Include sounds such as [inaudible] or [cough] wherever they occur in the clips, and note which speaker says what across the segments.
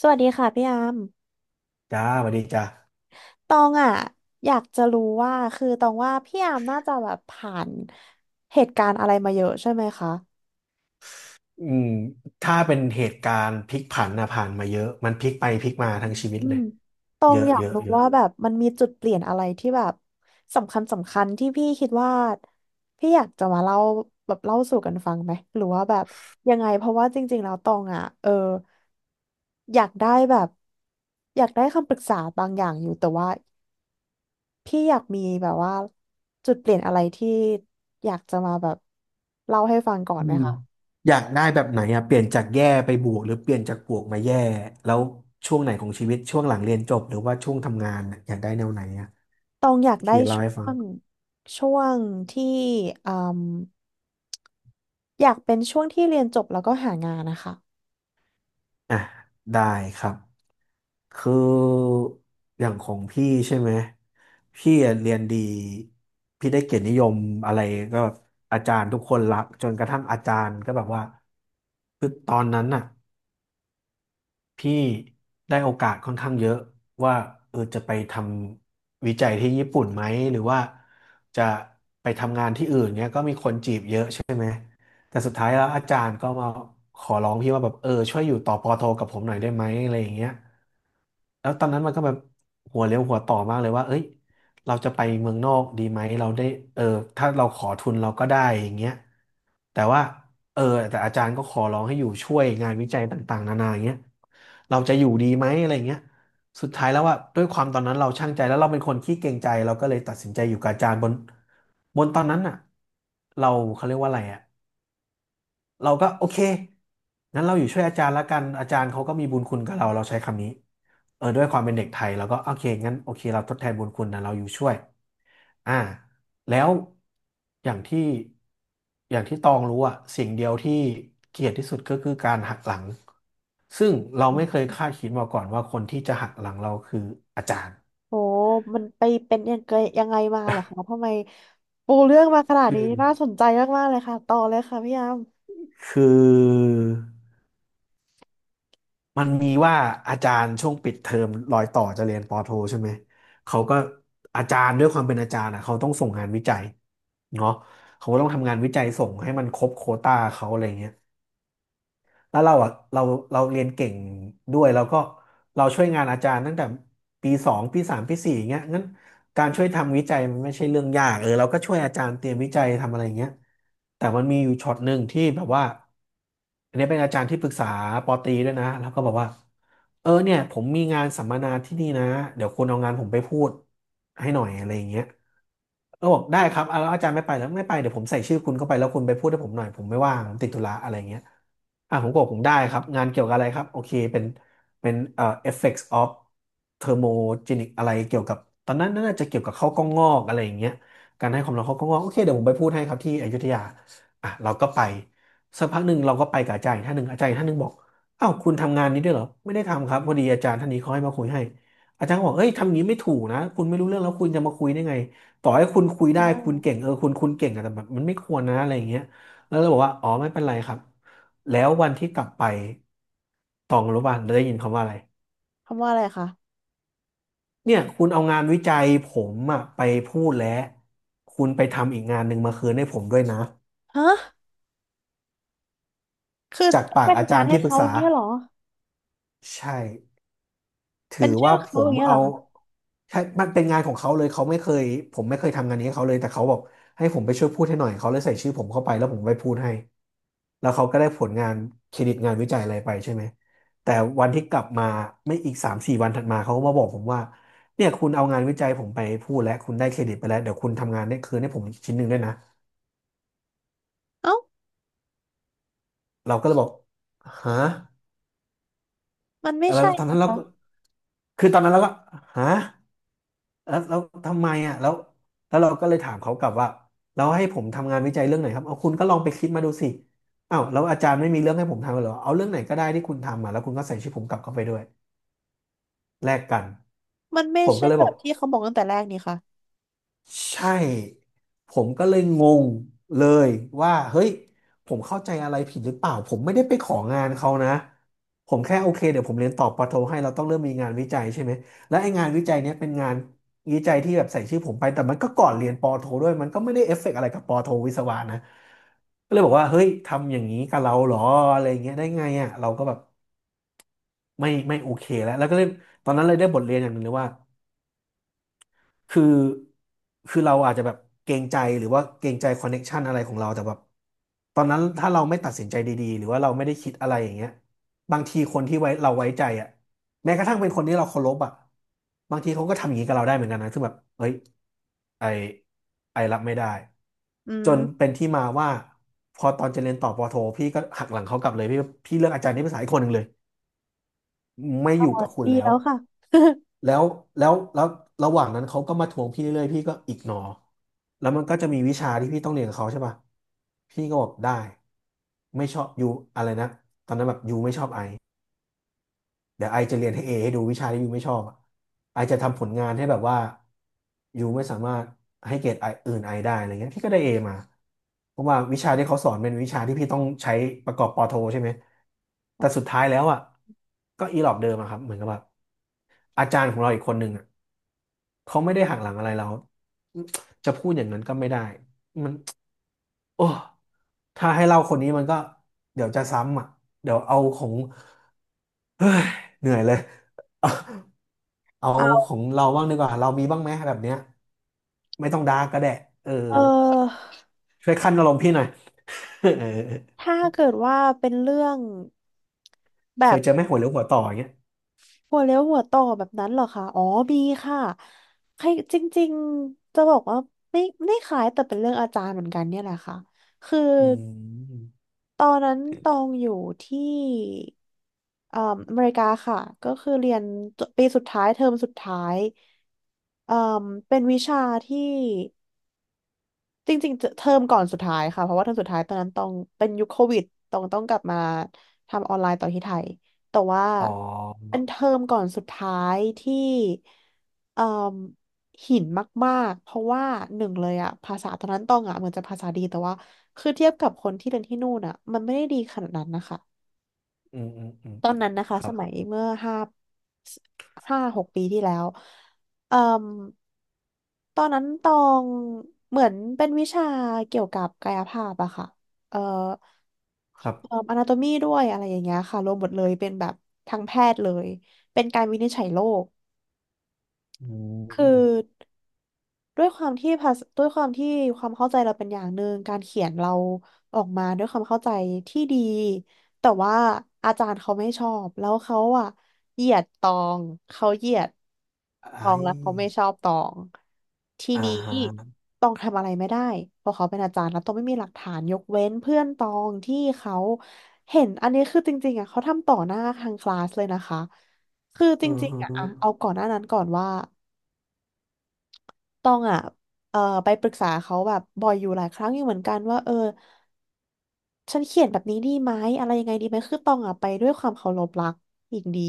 Speaker 1: สวัสดีค่ะพี่อาม
Speaker 2: จ้าสวัสดีจ้า
Speaker 1: ตองอ่ะอยากจะรู้ว่าคือตองว่าพี่อามน่าจะแบบผ่านเหตุการณ์อะไรมาเยอะใช่ไหมคะ
Speaker 2: อืมถ้าเป็นเหตุการณ์พลิกผันนะผ่านมาเยอะมันพลิกไปพลิกมาทั้งชีวิต
Speaker 1: อื
Speaker 2: เล
Speaker 1: ม
Speaker 2: ย
Speaker 1: ตอ
Speaker 2: เย
Speaker 1: ง
Speaker 2: อะ
Speaker 1: อยา
Speaker 2: เย
Speaker 1: ก
Speaker 2: อะ
Speaker 1: รู้
Speaker 2: เยอะ
Speaker 1: ว่าแบบมันมีจุดเปลี่ยนอะไรที่แบบสำคัญที่พี่คิดว่าพี่อยากจะมาเล่าแบบเล่าสู่กันฟังไหมหรือว่าแบบยังไงเพราะว่าจริงๆแล้วตองอ่ะอยากได้แบบอยากได้คำปรึกษาบางอย่างอยู่แต่ว่า พี่อยากมีแบบว่าจุดเปลี่ยนอะไรที่อยากจะมาแบบเล่าให้ฟังก่อน
Speaker 2: อื
Speaker 1: ไหม
Speaker 2: ม
Speaker 1: คะ
Speaker 2: อยากได้แบบไหนอะเปลี่ยนจากแย่ไปบวกหรือเปลี่ยนจากบวกมาแย่แล้วช่วงไหนของชีวิตช่วงหลังเรียนจบหรือว่าช่วงทำงานน่ะอยากได้แนวไหนอะ
Speaker 1: ตองอยากได้
Speaker 2: พี่เล่า
Speaker 1: ช่
Speaker 2: ให้ฟั
Speaker 1: ว
Speaker 2: ง
Speaker 1: งช่วงที่อืมอยากเป็นช่วงที่เรียนจบแล้วก็หางานนะคะ
Speaker 2: อ่ะได้ครับคืออย่างของพี่ใช่ไหมพี่อะเรียนดีพี่ได้เกียรตินิยมอะไรก็แบบอาจารย์ทุกคนรักจนกระทั่งอาจารย์ก็แบบว่าคือตอนนั้นน่ะพี่ได้โอกาสค่อนข้างเยอะว่าเออจะไปทำวิจัยที่ญี่ปุ่นไหมหรือว่าจะไป แต่สุดท้ายแล้วอาจารย์ก็มาขอร้องพี่ว่าแบบเออช่วยอยู่ต่อปอโทกับผมหน่อยได้ไหมอะไรอย่างเงี้ยแล้วตอนนั้นมันก็แบบหัวเลี้ยวหัวต่อมากเลยว่าเอ้ยเราจะไปเมืองนอกดีไหมเราได้เออถ้าเราขอทุนเราก็ได้อย่างเงี้ยแต่ว่าเออแต่อาจารย์ก็ขอร้องให้อยู่ช่วยงานวิจัยต่างๆนานาอย่างเงี้ยเราจะอยู่ดีไหมอะไรอย่างเงี้ยสุดท้ายแล้วว่าด้วยความตอนนั้นเราช่างใจแล้วเราเป็นคนขี้เกรงใจเราก็เลยตัดสินใจอยู่กับอาจารย์บนตอนนั้นน่ะเราเขาเรียกว่าอะไรอ่ะ เราก็โอเคงั้นเราอยู่ช่วยอาจารย์ละกันอาจารย์เขาก็มีบุญคุณกับเราเราใช้คำนี้เออด้วยความเป็นเด็กไทยเราก็โอเคงั้นโอเคเราทดแทนบุญคุณนะเราอยู่ช่วยอ่าแล้วอย่างที่อย่างที่ตองรู้อะสิ่งเดียวที่เกลียดที่สุดก็คือการหักหลัง ซึ่งเราไม่เคยคาดคิดมาก่อนว่าคนที่จะหักหลังเราคืออาจารย์
Speaker 1: โอ้มันไปเป็นยังไงยังไงมาเหรอคะทำไมปูเรื่องมาขนาด
Speaker 2: คื
Speaker 1: นี้
Speaker 2: อ
Speaker 1: น่าสนใจมากๆเลยค่ะต่อเลยค่ะพี่ยาม
Speaker 2: คือ มันมีว่าอาจารย์ช่วงปิดเทอมรอยต่อจะเรียนปอโทใช่ไหม เขาก็อาจารย์ด้วยความเป็นอาจารย์อ่ะเขาต้องส่งงานวิจัยเนาะเขาก็ต้องทำงานวิจัยส่งให้มันครบโควต้าเขาอะไรเงี้ย แล้วเราอ่ะเราเรียนเก่งด้วยแล้วก็เราช่วยงานอาจารย์ตั้งแต่ปีสองปีสามปีสี่อย่างเงี้ยงั้นการช่วยทำวิจัยมันไม่ใช่เรื่องยากเออเราก็ช่วยอาจารย์เตรียมวิจัยทำอะไรอย่างเงี้ยแต่มันมีอยู่ช็อตหนึ่งที่แบบว่าอันนี้เป็นอาจารย์ที่ปรึกษาปอตรีด้วยนะแล้วก็บอกว่าเออเนี่ยผมมีงานสัมมนาที่นี่นะเดี๋ยวคุณเอางานผมไปพูดให้หน่อยอะไรอย่างเงี้ย เออบอกได้ครับอ่ะแล้วอาจารย์ไม่ไปแล้วไม่ไปเดี๋ยวผมใส่ชื่อคุณเข้าไปแล้วคุณไปพูดให้ผมหน่อยผมไม่ว่างผมติดธุระอะไรเงี้ยอ่ะผมก็บอกผมได้ครับงานเกี่ยวกับอะไรครับโอเคเป็นเป็น effects of thermogenic อะไรเกี่ยวกับตอนนั้นน่าจะเกี่ยวกับข้าวกล้องงอกอะไรอย่างเงี้ยการให้ความร้อนข้าวกล้องงอกโอเคเดี๋ยวผมไปพูดให้ครับที่อยุธยาอ่ะเราก็ไปสักพักหนึ่งเราก็ไปกับอาจารย์อีกท่านหนึ่งอาจารย์อีกท่านหนึ่งบอกอ้าวคุณทำงานนี้ด้วยเหรอไม่ได้ทำครับพอดีอาจารย์ท่านนี้เขาให้มาคุยให้อาจารย์ก็บอกเอ้ยทำอย่างนี้ไม่ถูกนะคุณไม่รู้เรื่องแล้วคุณจะมาคุยได้ไง ต่อให้คุณคุยได้
Speaker 1: อ้าว
Speaker 2: คุณเก่งเออคุณเก่งอะแต่แบบมันไม่ควรนะอะไรอย่างเงี้ยแล้วเราบอกว่าอ๋อไม่เป็นไรครับแล้ววันที่กลับไปตองรู้ป่ะเราได้ยินคำว่าอะไร
Speaker 1: คำว่าอะไรคะ
Speaker 2: เนี่ยคุณเอางานวิจัยผมอะไปพูดแล้วคุณไปทำอีกงานหนึ่งมาคืนให้ผมด้วยนะ
Speaker 1: ฮะคือ
Speaker 2: จาก
Speaker 1: ต้อง
Speaker 2: ปา
Speaker 1: ไป
Speaker 2: กอา
Speaker 1: ทำ
Speaker 2: จา
Speaker 1: งา
Speaker 2: ร
Speaker 1: น
Speaker 2: ย์
Speaker 1: ให้
Speaker 2: ที่ปรึก
Speaker 1: เขาอ
Speaker 2: ษา
Speaker 1: ย่างเงี้ยเหรอ
Speaker 2: ใช่ ถื
Speaker 1: เป็
Speaker 2: อ
Speaker 1: นชื่อ
Speaker 2: ว่าผ
Speaker 1: เขาอ
Speaker 2: ม
Speaker 1: ย่างเงี้ยเหร
Speaker 2: เอา
Speaker 1: อคะ
Speaker 2: ใช่มันเป็นงานของเขาเลยเขาไม่เคยผมไม่เคยทำงานนี้ให้เขาเลยแต่เขาบอกให้ผมไปช่วยพูดให้หน่อยเขาเลยใส่ชื่อผมเข้าไปแล้วผมไปพูดให้แล้วเขาก็ได้ผลงานเครดิตงานวิจัยอะไรไปใช่ไหมแต่วันที่กลับมาไม่อีกสามสี่วันถัดมาเขาก็มาบอกผมว่าเนี่ยคุณเอางานวิจัยผมไปพูดแล้วคุณได้เครดิตไปแล้วเดี๋ยวคุณทำงานได้คืนให้ผมชิ้นหนึ่งด้วยนะ
Speaker 1: เอ้า
Speaker 2: เราก็เลยบอกฮะ
Speaker 1: มันไม่
Speaker 2: แล้ว
Speaker 1: ใช่
Speaker 2: ตอน
Speaker 1: นะ
Speaker 2: นั้นเรา
Speaker 1: คะ
Speaker 2: ก็คือตอนนั้นเราก็ฮะ แล้วทำไมอ่ะแล้วเราก็เลยถามเขากลับว่าเราให้ผมทำงานวิจัยเรื่องไหนครับเอาคุณก็ลองไปคิดมาดูสิอ้าวแล้วอาจารย์ไม่มีเรื่องให้ผมทำเหรอเอาเรื่องไหนก็ได้ที่คุณทำมาแล้วคุณก็ใส่ชื่อผมกลับเข้าไปด้วยแลกกัน
Speaker 1: มันไม่
Speaker 2: ผม
Speaker 1: ใช่
Speaker 2: ก็เลย
Speaker 1: แบ
Speaker 2: บอ
Speaker 1: บ
Speaker 2: ก
Speaker 1: ที่เขาบอกตั้งแต่แรกนี่ค่ะ
Speaker 2: ใช่ผมก็เลยงงเลยว่าเฮ้ยผมเข้าใจอะไรผิดหรือเปล่าผมไม่ได้ไปของานเขานะผมแค่โอเคเดี๋ยวผมเรียนต่อปอโทให้เราต้องเริ่มมีงานวิจัยใช่ไหมและไอ้งานวิจัยเนี้ยเป็นงานวิจัยที่แบบใส่ชื่อผมไปแต่มันก็ก่อนเรียนปอโทด้วยมันก็ไม่ได้เอฟเฟกต์อะไรกับปอโทวิศวะนะก็เลยบอกว่าเฮ้ยทำอย่างนี้กับเราเหรออะไรเงี้ยได้ไงอ่ะเราก็แบบไม่โอเคแล้วก็เลยตอนนั้นเลยได้บทเรียนอย่างหนึ่งเลยว่า คือคือเราอาจจะแบบเกรงใจหรือว่าเกรงใจคอนเน็กชันอะไรของเราแต่แบบตอนนั้นถ้าเราไม่ตัดสินใจดีๆหรือว่าเราไม่ได้คิดอะไรอย่างเงี้ยบางทีคนที่เราไว้ใจอ่ะแม้กระทั่งเป็นคนที่เราเคารพอ่ะบางทีเขาก็ทำอย่างนี้กับเราได้เหมือนกันนะซึ่งแบบเฮ้ยไอไอรับไม่ได้
Speaker 1: อื
Speaker 2: จ
Speaker 1: ม
Speaker 2: นเป็นที่มาว่าพอตอนจะเรียนต่อปอโทพี่ก็หักหลังเขากลับเลยพี่เลือกอาจารย์ที่ภาษาอีกคนหนึ่งเลยไม่อยู่กับคุณ
Speaker 1: เดี
Speaker 2: แล้ว
Speaker 1: แล้วค่ะ
Speaker 2: แล้วแล้วระหว่างนั้นเขาก็มาทวงพี่เรื่อยๆพี่ก็อิกนอแล้วมันก็จะมีวิชาที่พี่ต้องเรียนกับเขาใช่ป่ะพี่ก็บอกได้ไม่ชอบยูอะไรนะตอนนั้นแบบยูไม่ชอบไอเดี๋ยวไอจะเรียนให้เอให้ดูวิชาที่ยูไม่ชอบอะไอจะทำผลงานให้แบบว่ายูไม่สามารถให้เกรดไออื่นไอได้อะไรเงี้ยพี่ก็ได้เอมาเพราะว่าวิชาที่เขาสอนเป็นวิชาที่พี่ต้องใช้ประกอบปอโทใช่ไหมแต่สุดท้ายแล้วอ่ะก็อีหลอบเดิมอะครับเหมือนกับแบบอาจารย์ของเราอีกคนหนึ่งอะ เขาไม่ได้หักหลังอะไรเราจะพูดอย่างนั้นก็ไม่ได้โอ้ถ้าให้เล่าคนนี้มันก็เดี๋ยวจะซ้ำอ่ะเดี๋ยวเอาของเฮ้ยเหนื่อยเลย [laughs] เอา
Speaker 1: [laughs] เอา
Speaker 2: ของเราบ้างดีกว่า เรามีบ้างไหมแบบเนี้ย ไม่ต้องดาร์กก็ได้เออ
Speaker 1: เออ
Speaker 2: ช่วยคั่นอารมณ์พี่หน่อย [laughs] เออ
Speaker 1: ถ้าเกิดว่าเป็นเรื่องแบ
Speaker 2: เคย
Speaker 1: บ
Speaker 2: เจอไหมหัวเลี้ยวหัวต่ออย่างเงี้ย
Speaker 1: หัวเลี้ยวหัวต่อแบบนั้นเหรอคะอ๋อมีค่ะใครจริงๆ จะบอกว่าไม่ไม่ขายแต่เป็นเรื่องอาจารย์เหมือนกันเนี่ยแหละค่ะคือ
Speaker 2: อืม
Speaker 1: ตอนนั้นตองอยู่ที่เอ่ออเมริกาค่ะก็คือเรียนปีสุดท้ายเทอมสุดท้ายเอ่อเป็นวิชาที่ จริงๆเจเทอมก่อนสุดท้ายค่ะเพราะว่าเทอมสุดท้ายตอนนั้นต้องเป็นยุคโควิดต้องกลับมาทำออนไลน์ต่อที่ไทยแต่ว่า
Speaker 2: อ๋อ
Speaker 1: เป็นเทอมก่อนสุดท้ายที่เอ่มหินมากๆเพราะว่าหนึ่งเลยอะภาษาตอนนั้นต้องอะเหมือนจะภาษาดีแต่ว่าคือเทียบกับคนที่เรียนที่นู่นอะมันไม่ได้ดีขนาดนั้นนะคะ
Speaker 2: อืมอืมอืม
Speaker 1: ตอนนั้นนะ
Speaker 2: ค
Speaker 1: คะ
Speaker 2: รั
Speaker 1: ส
Speaker 2: บ
Speaker 1: มัยเมื่อห้าหกปีที่แล้วเอ่มตอนนั้นตองเหมือนเป็นวิชาเกี่ยวกับกายภาพอะค่ะเอ่อ
Speaker 2: ครับ
Speaker 1: อนาโตมีด้วยอะไรอย่างเงี้ยค่ะรวมหมดเลยเป็นแบบทางแพทย์เลยเป็นการวินิจฉัยโรค
Speaker 2: อื
Speaker 1: คือ
Speaker 2: ม
Speaker 1: ด้วยความที่ภาษาด้วยความที่ความเข้าใจเราเป็นอย่างหนึ่งการเขียนเราออกมาด้วยความเข้าใจที่ดีแต่ว่าอาจารย์เขาไม่ชอบแล้วเขาอะเหยียดตองเขาเหยียดต
Speaker 2: ไอ
Speaker 1: องแล้วเขาไม่ชอบตองที
Speaker 2: อ่า
Speaker 1: นี้
Speaker 2: ฮะ
Speaker 1: ตองทำอะไรไม่ได้เพราะเขาเป็นอาจารย์แล้วตองไม่มีหลักฐานยกเว้นเพื่อนตองที่เขาเห็นอันนี้คือจริงๆอะเขาทำต่อหน้าทางคลาสเลยนะคะคือจ
Speaker 2: อือ
Speaker 1: ริง
Speaker 2: ฮึ
Speaker 1: ๆอะเอาก่อนหน้านั้นก่อนว่า ตองอ่ะไปปรึกษาเขาแบบบ่อยอยู่หลายครั้งอยู่เหมือนกันว่าเออฉันเขียนแบบนี้ดีไหมอะไรยังไงดีไหมคือตองอ่ะไปด้วยความเคารพรักอีกดี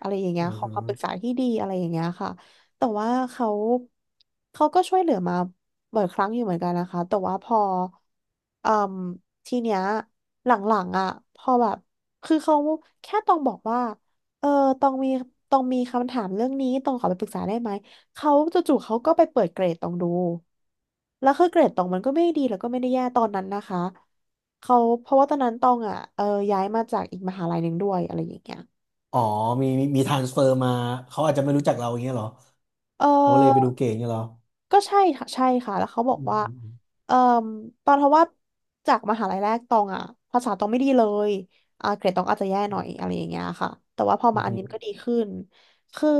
Speaker 1: อะไรอย่างเงี้
Speaker 2: อื
Speaker 1: ย
Speaker 2: อ
Speaker 1: ขอ
Speaker 2: ฮึ
Speaker 1: ความปรึกษาที่ดีอะไรอย่างเงี้ยค่ะแต่ว่าเขาก็ช่วยเหลือมาบ่อยครั้งอยู่เหมือนกันนะคะแต่ว่าพอเอ่มทีเนี้ยหลังๆอ่ะพอแบบคือเขาแค่ตองบอกว่าเออตองมีตองมีคำถามเรื่องนี้ตองขอไปปรึกษาได้ไหม เขาจู่ๆเขาก็ไปเปิดเกรดตองดู แล้วคือเกรดตองมันก็ไม่ได้ดีแล้วก็ไม่ได้แย่ตอนนั้นนะคะ เขาเพราะว่าตอนนั้นตองอ่ะ เออย้ายมาจากอีกมหาลัยหนึ่งด้วยอะไรอย่างเงี้ย
Speaker 2: อ๋อมีทรานสเฟอร์มาเขาอาจจะไม่รู้จักเราอย่างเงี้ยเหรอ
Speaker 1: เอ
Speaker 2: เขาเลยไปดู
Speaker 1: อ
Speaker 2: เก่งอย่างเงี้ยเหรอ
Speaker 1: ก็ใช่ค่ะแล้วเขาบ
Speaker 2: อื
Speaker 1: อกว่า
Speaker 2: ม
Speaker 1: เอ่อตอนเพราะว่าจากมหาลัยแรกตองอ่ะภาษาตองไม่ดีเลยอ่าเกรดตองอาจจะแย่หน่อยอะไรอย่างเงี้ยค่ะ แต่ว่าพอ
Speaker 2: อื
Speaker 1: มาอันนี้มันก็
Speaker 2: ม
Speaker 1: ดีขึ้นคือ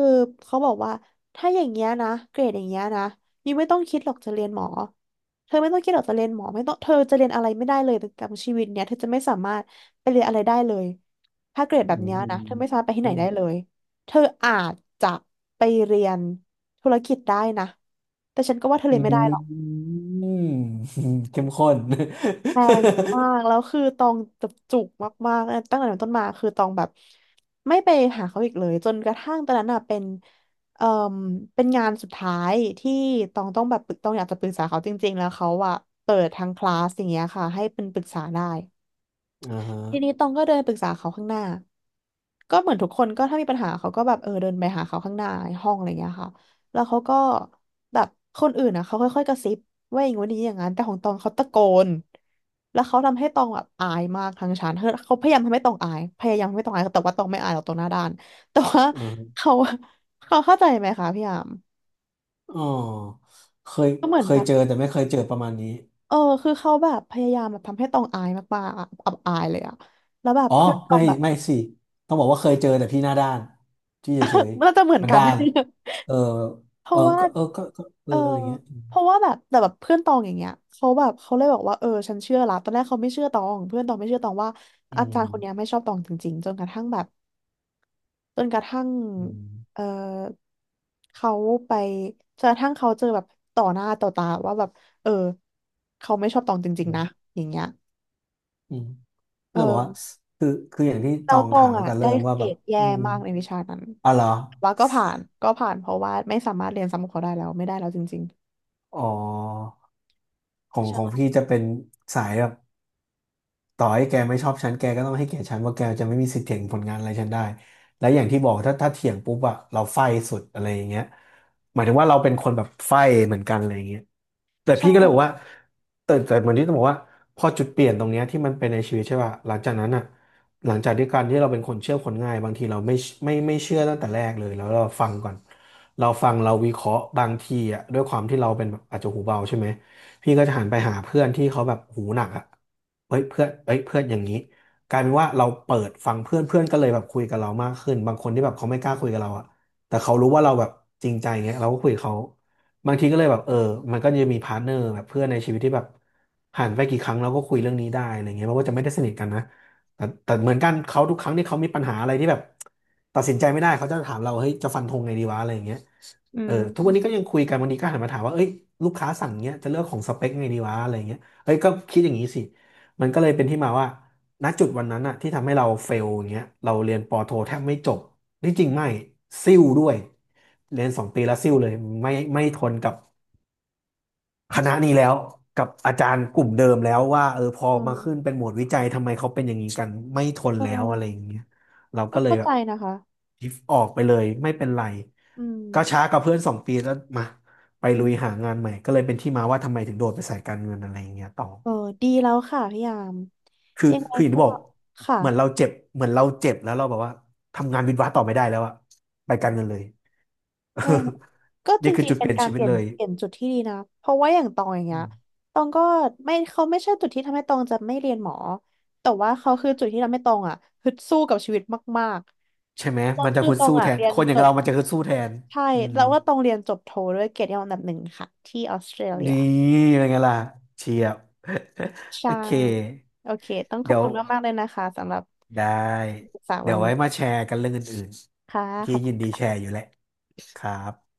Speaker 1: เขาบอกว่าถ้าอย่างเงี้ยนะเกรดอย่างเงี้ยนะยูไม่ต้องคิดหรอกจะเรียนหมอเธอไม่ต้องคิดหรอกจะเรียนหมอไม่ต้องเธอจะเรียนอะไรไม่ได้เลยแต่ชีวิตเนี้ยเธอจะไม่สามารถไปเรียนอะไรได้เลยถ้าเกรดแบ
Speaker 2: อื
Speaker 1: บ
Speaker 2: ม
Speaker 1: เนี้ย
Speaker 2: อื
Speaker 1: นะ
Speaker 2: ม
Speaker 1: เธอไม่สามารถไปที่ไห
Speaker 2: อื
Speaker 1: นได้เล
Speaker 2: ม
Speaker 1: ย เธออาจจะไปเรียนธุรกิจได้นะ แต่ฉันก็ว่าเธอ
Speaker 2: อื
Speaker 1: เรียนไม่ได้
Speaker 2: ม
Speaker 1: หรอก
Speaker 2: อืม [laughs] เข้มข้น
Speaker 1: แพงมากแล้วคือตองจุกมากๆตั้งแต่นั้นต้นมาคือตองแบบไม่ไปหาเขาอีกเลยจนกระทั่งตอนนั้นอ่ะเป็นเอ่อเป็นงานสุดท้ายที่ตองต้องแบบปรึกตองอยากจะปรึกษาเขาจริงๆ แล้วเขาอ่ะเปิดทางคลาสอย่างเงี้ยค่ะให้เป็นปรึกษาได้
Speaker 2: [laughs] อ่าฮะ
Speaker 1: ทีนี้ตองก็เดินปรึกษาเขาข้างหน้าก็เหมือนทุกคนก็ถ้ามีปัญหาเขาก็แบบเออเดินไปหาเขาข้างหน้าห้องอะไรเงี้ยค่ะแล้วเขาก็แบบคนอื่นอ่ะเขาค่อยๆกระซิบว่าอย่างงู้นอย่างนี้อย่างนั้นแต่ของตองเขาตะโกนแล้วเขาทำให้ตองแบบอายมากทางชั้นเขาพยายามทำให้ตองอายพยายามทำให้ตองอายแต่ว่าตองไม่อายหรอกตองหน้าด้านแต่ว่า
Speaker 2: อ่าฮะ
Speaker 1: เขาเขาเข้าใจไหมคะพี่ยาม
Speaker 2: อ๋อเคย
Speaker 1: ก็เหมือ
Speaker 2: เค
Speaker 1: นแบ
Speaker 2: ย
Speaker 1: บ
Speaker 2: เจอแต่ไม่เคยเจอประมาณนี้
Speaker 1: เออคือเขาแบบพยายามแบบทำให้ตองอายมากๆอะอับอายเลยอะแล้วแบบ
Speaker 2: อ๋อ
Speaker 1: เพื่อนตอ
Speaker 2: ไม่
Speaker 1: งแบบ
Speaker 2: ไม่สิต้องบอกว่าเคยเจอแต่พี่หน้าด้านที่เฉย
Speaker 1: [laughs] น่าจะเหมือ
Speaker 2: ๆ
Speaker 1: น
Speaker 2: มัน
Speaker 1: กัน
Speaker 2: ด้านเออ
Speaker 1: เพ
Speaker 2: เอ
Speaker 1: ราะ
Speaker 2: อ
Speaker 1: ว่า
Speaker 2: ก็เออก็ก็เอ
Speaker 1: เอ
Speaker 2: อ
Speaker 1: อ
Speaker 2: อะไรเงี้ยอืม
Speaker 1: เพราะว่าแบบแต่แบบเพื่อนตองอย่างเงี้ยเขาแบบเขาเลยบอกว่าเออฉันเชื่อละตอนแรกเขาไม่เชื่อตองเพื่อนตองไม่เชื่อตองว่าอาจารย์คนเนี้ยไม่ชอบตองจริงๆจนกระทั่งแบบจนกระทั่ง
Speaker 2: อืม
Speaker 1: เออเขาไปจนกระทั่งเขาเจอแบบต่อหน้าต่อตาว่าแบบเออเขาไม่ชอบตองจริง
Speaker 2: อื
Speaker 1: ๆนะ
Speaker 2: ม
Speaker 1: อย่างเงี้ย
Speaker 2: อืม ก็
Speaker 1: เอ
Speaker 2: เลยบอกว่า
Speaker 1: อ
Speaker 2: คืออย่างที่ต
Speaker 1: แล้ว
Speaker 2: อง
Speaker 1: ตอ
Speaker 2: ถา
Speaker 1: ง
Speaker 2: มตั้
Speaker 1: อ่ะ
Speaker 2: งแต่
Speaker 1: ได้
Speaker 2: เริ่มว่า
Speaker 1: เกร
Speaker 2: แบบ
Speaker 1: ดแย่
Speaker 2: อืม
Speaker 1: มากในวิชานั้น
Speaker 2: อ๋อเหรอ
Speaker 1: แต่ว่าก็ผ่านเพราะว่าไม่สามารถเรียนซ้ำกับเขาได้แล้วไม่ได้แล้วจริง
Speaker 2: อ๋อของ
Speaker 1: ๆ
Speaker 2: ของ
Speaker 1: ใช่
Speaker 2: พี่จะเป็นสายแบบต่อให้แกไม่ชอบฉันแกก็ต้องให้เกียรติฉันว่าแกจะไม่มีสิทธิ์เถียงผลงานอะไรฉันได้และอย่างที่บอกถ้าเถียงปุ๊บอะเราไฟสุดอะไรอย่างเงี้ยหมายถึงว่าเราเป็นคนแบบไฟเหมือนกันอะไรอย่างเงี้ยแต่พี่ก็เลย
Speaker 1: ใช่
Speaker 2: บอกว่าแต่เหมือนที่ต้องบอกว่าพอจุดเปลี่ยนตรงเนี้ยที่มันเป็นในชีวิตใช่ป่ะหลังจากนั้นอะ หลังจากที่การที่เราเป็นคนเชื่อคนง่ายบางทีเราไม่เชื่อตั้งแต่แรกเลยแล้วเราฟังก่อนเราฟังเราวิเคราะห์บางทีอ่ะด้วยความที่เราเป็นแบบอาจจะหูเบาใช่ไหมพี่ก็จะหันไปหาเพื่อนที่เขาแบบหูหนักอ่ะเฮ้ยเพื่อนอย่างนี้กลายเป็นว่าเราเปิดฟังเพื่อนเพื่อนก็เลยแบบคุยกับเรามากขึ้นบางคนที่แบบเขาไม่กล้าคุยกับเราอ่ะแต่เขารู้ว่าเราแบบจริงใจเงี้ยเราก็คุยกับเขาบางทีก็เลยแบบเออมันก็จะมีพาร์ทเนอร์แบบเพื่อนในชีวิตที่แบบหันไปกี่ครั้งเราก็คุยเรื่องนี้ได้อะไรเงี้ยมันก็จะไม่ได้สนิทกันนะ แต่เหมือนกันเขาทุกครั้งที่เขามีปัญหาอะไรที่แบบตัดสินใจไม่ได้เขาจะถามเราเฮ้ยจะฟันธงไงดีวะอะไรอย่างเงี้ย
Speaker 1: อื
Speaker 2: เออ
Speaker 1: ม
Speaker 2: ทุกวันนี้ก็ยังคุยกันวันนี้ก็หันมาถามว่าเอ้ยลูกค้าสั่งเงี้ยจะเลือกของสเปคไงดีวะอะไรอย่างเงี้ยเอ้ยก็คิดอย่างนี้สิมันก็เลยเป็นที่มาว่าณจุดวันนั้นอะที่ทำให้เราเฟลอย่างเงี้ยเราเรียนปอโทแทบไม่จบที่จริงไม่ซิ่วด้วยเรียนสองปีแล้วซิ่วเลยไม่ทนกับ คณะนี้แล้วกับอาจารย์กลุ่มเดิมแล้วว่าเออพอ
Speaker 1: อื
Speaker 2: มาขึ้น
Speaker 1: ม
Speaker 2: เป็นหมวดวิจัยทำไมเขาเป็นอย่างนี้กันไม่ทน
Speaker 1: เอ
Speaker 2: แล้วอะไรอย่าง
Speaker 1: อ
Speaker 2: เงี้ยเรา
Speaker 1: ก็
Speaker 2: ก็เลย
Speaker 1: เข้า
Speaker 2: แบ
Speaker 1: ใจ
Speaker 2: บ
Speaker 1: นะคะ
Speaker 2: ทิฟออกไปเลยไม่เป็นไร
Speaker 1: อืม
Speaker 2: ก็ช้ากับเพื่อนสองปีแล้วมาไป
Speaker 1: อื
Speaker 2: ลุ
Speaker 1: ม
Speaker 2: ยหางานใหม่ก็เลยเป็นที่มาว่าทำไมถึงโดดไปสายการเงินอะไรอย่างเงี้ยต่อ
Speaker 1: เออดีแล้วค่ะพี่ยาม
Speaker 2: คือ
Speaker 1: ยังไง
Speaker 2: คืออย่าง
Speaker 1: ก็
Speaker 2: ที่บอก
Speaker 1: ค่ะ
Speaker 2: เหมือนเราเจ็บเหมือนเราเจ็บแล้วเราแบบว่าทำงานวิศวะต่อไม่ได้แล้วอะไปการเงินเลย
Speaker 1: เออก็
Speaker 2: [laughs]
Speaker 1: จ
Speaker 2: นี่คือ
Speaker 1: ริง
Speaker 2: จุ
Speaker 1: ๆ
Speaker 2: ด
Speaker 1: เป็
Speaker 2: เป
Speaker 1: น
Speaker 2: ลี่ยน
Speaker 1: การ
Speaker 2: ชี
Speaker 1: เป
Speaker 2: วิต
Speaker 1: ลี่ยน
Speaker 2: เลย
Speaker 1: เปลี่ยนจุดที่ดีนะเพราะว่าอย่างตองอย่างเงี้ยตองก็ไม่เขาไม่ใช่จุดที่ทำให้ตองจะไม่เรียนหมอแต่ว่าเขาคือจุดที่ทำให้ตองอ่ะฮึดสู้กับชีวิตมาก
Speaker 2: ใช่ไหม
Speaker 1: ๆตอง
Speaker 2: มันจะ
Speaker 1: คือ
Speaker 2: ฮึด
Speaker 1: ตอง
Speaker 2: สู้แท
Speaker 1: อ่ะ
Speaker 2: น
Speaker 1: เรีย
Speaker 2: ค
Speaker 1: น
Speaker 2: นอ
Speaker 1: จ
Speaker 2: ย่าง
Speaker 1: บ
Speaker 2: เรามันจะฮึดสู้แทน
Speaker 1: ใช่
Speaker 2: อืม
Speaker 1: แล้วว่าตองเรียนจบโทด้วยเกียรตินิยมอันดับ1ค่ะที่ออสเตรเลีย
Speaker 2: นี่เป็นไงล่ะเชียบ [laughs] โอ
Speaker 1: ใช่
Speaker 2: เค
Speaker 1: โอเคต้องขอบ
Speaker 2: เดี๋ยว
Speaker 1: คุณมากๆเลยนะคะสำหรับ
Speaker 2: ได้
Speaker 1: ปรึกษา
Speaker 2: เดี๋
Speaker 1: วั
Speaker 2: ย
Speaker 1: น
Speaker 2: ว
Speaker 1: นี้
Speaker 2: ไว้มาแชร์กันเรื่องอื่น
Speaker 1: ค่ะ
Speaker 2: ๆ
Speaker 1: ข
Speaker 2: ที้
Speaker 1: อบ
Speaker 2: ยิ
Speaker 1: คุ
Speaker 2: น
Speaker 1: ณ
Speaker 2: ดีแชร์อยู่แหละครับ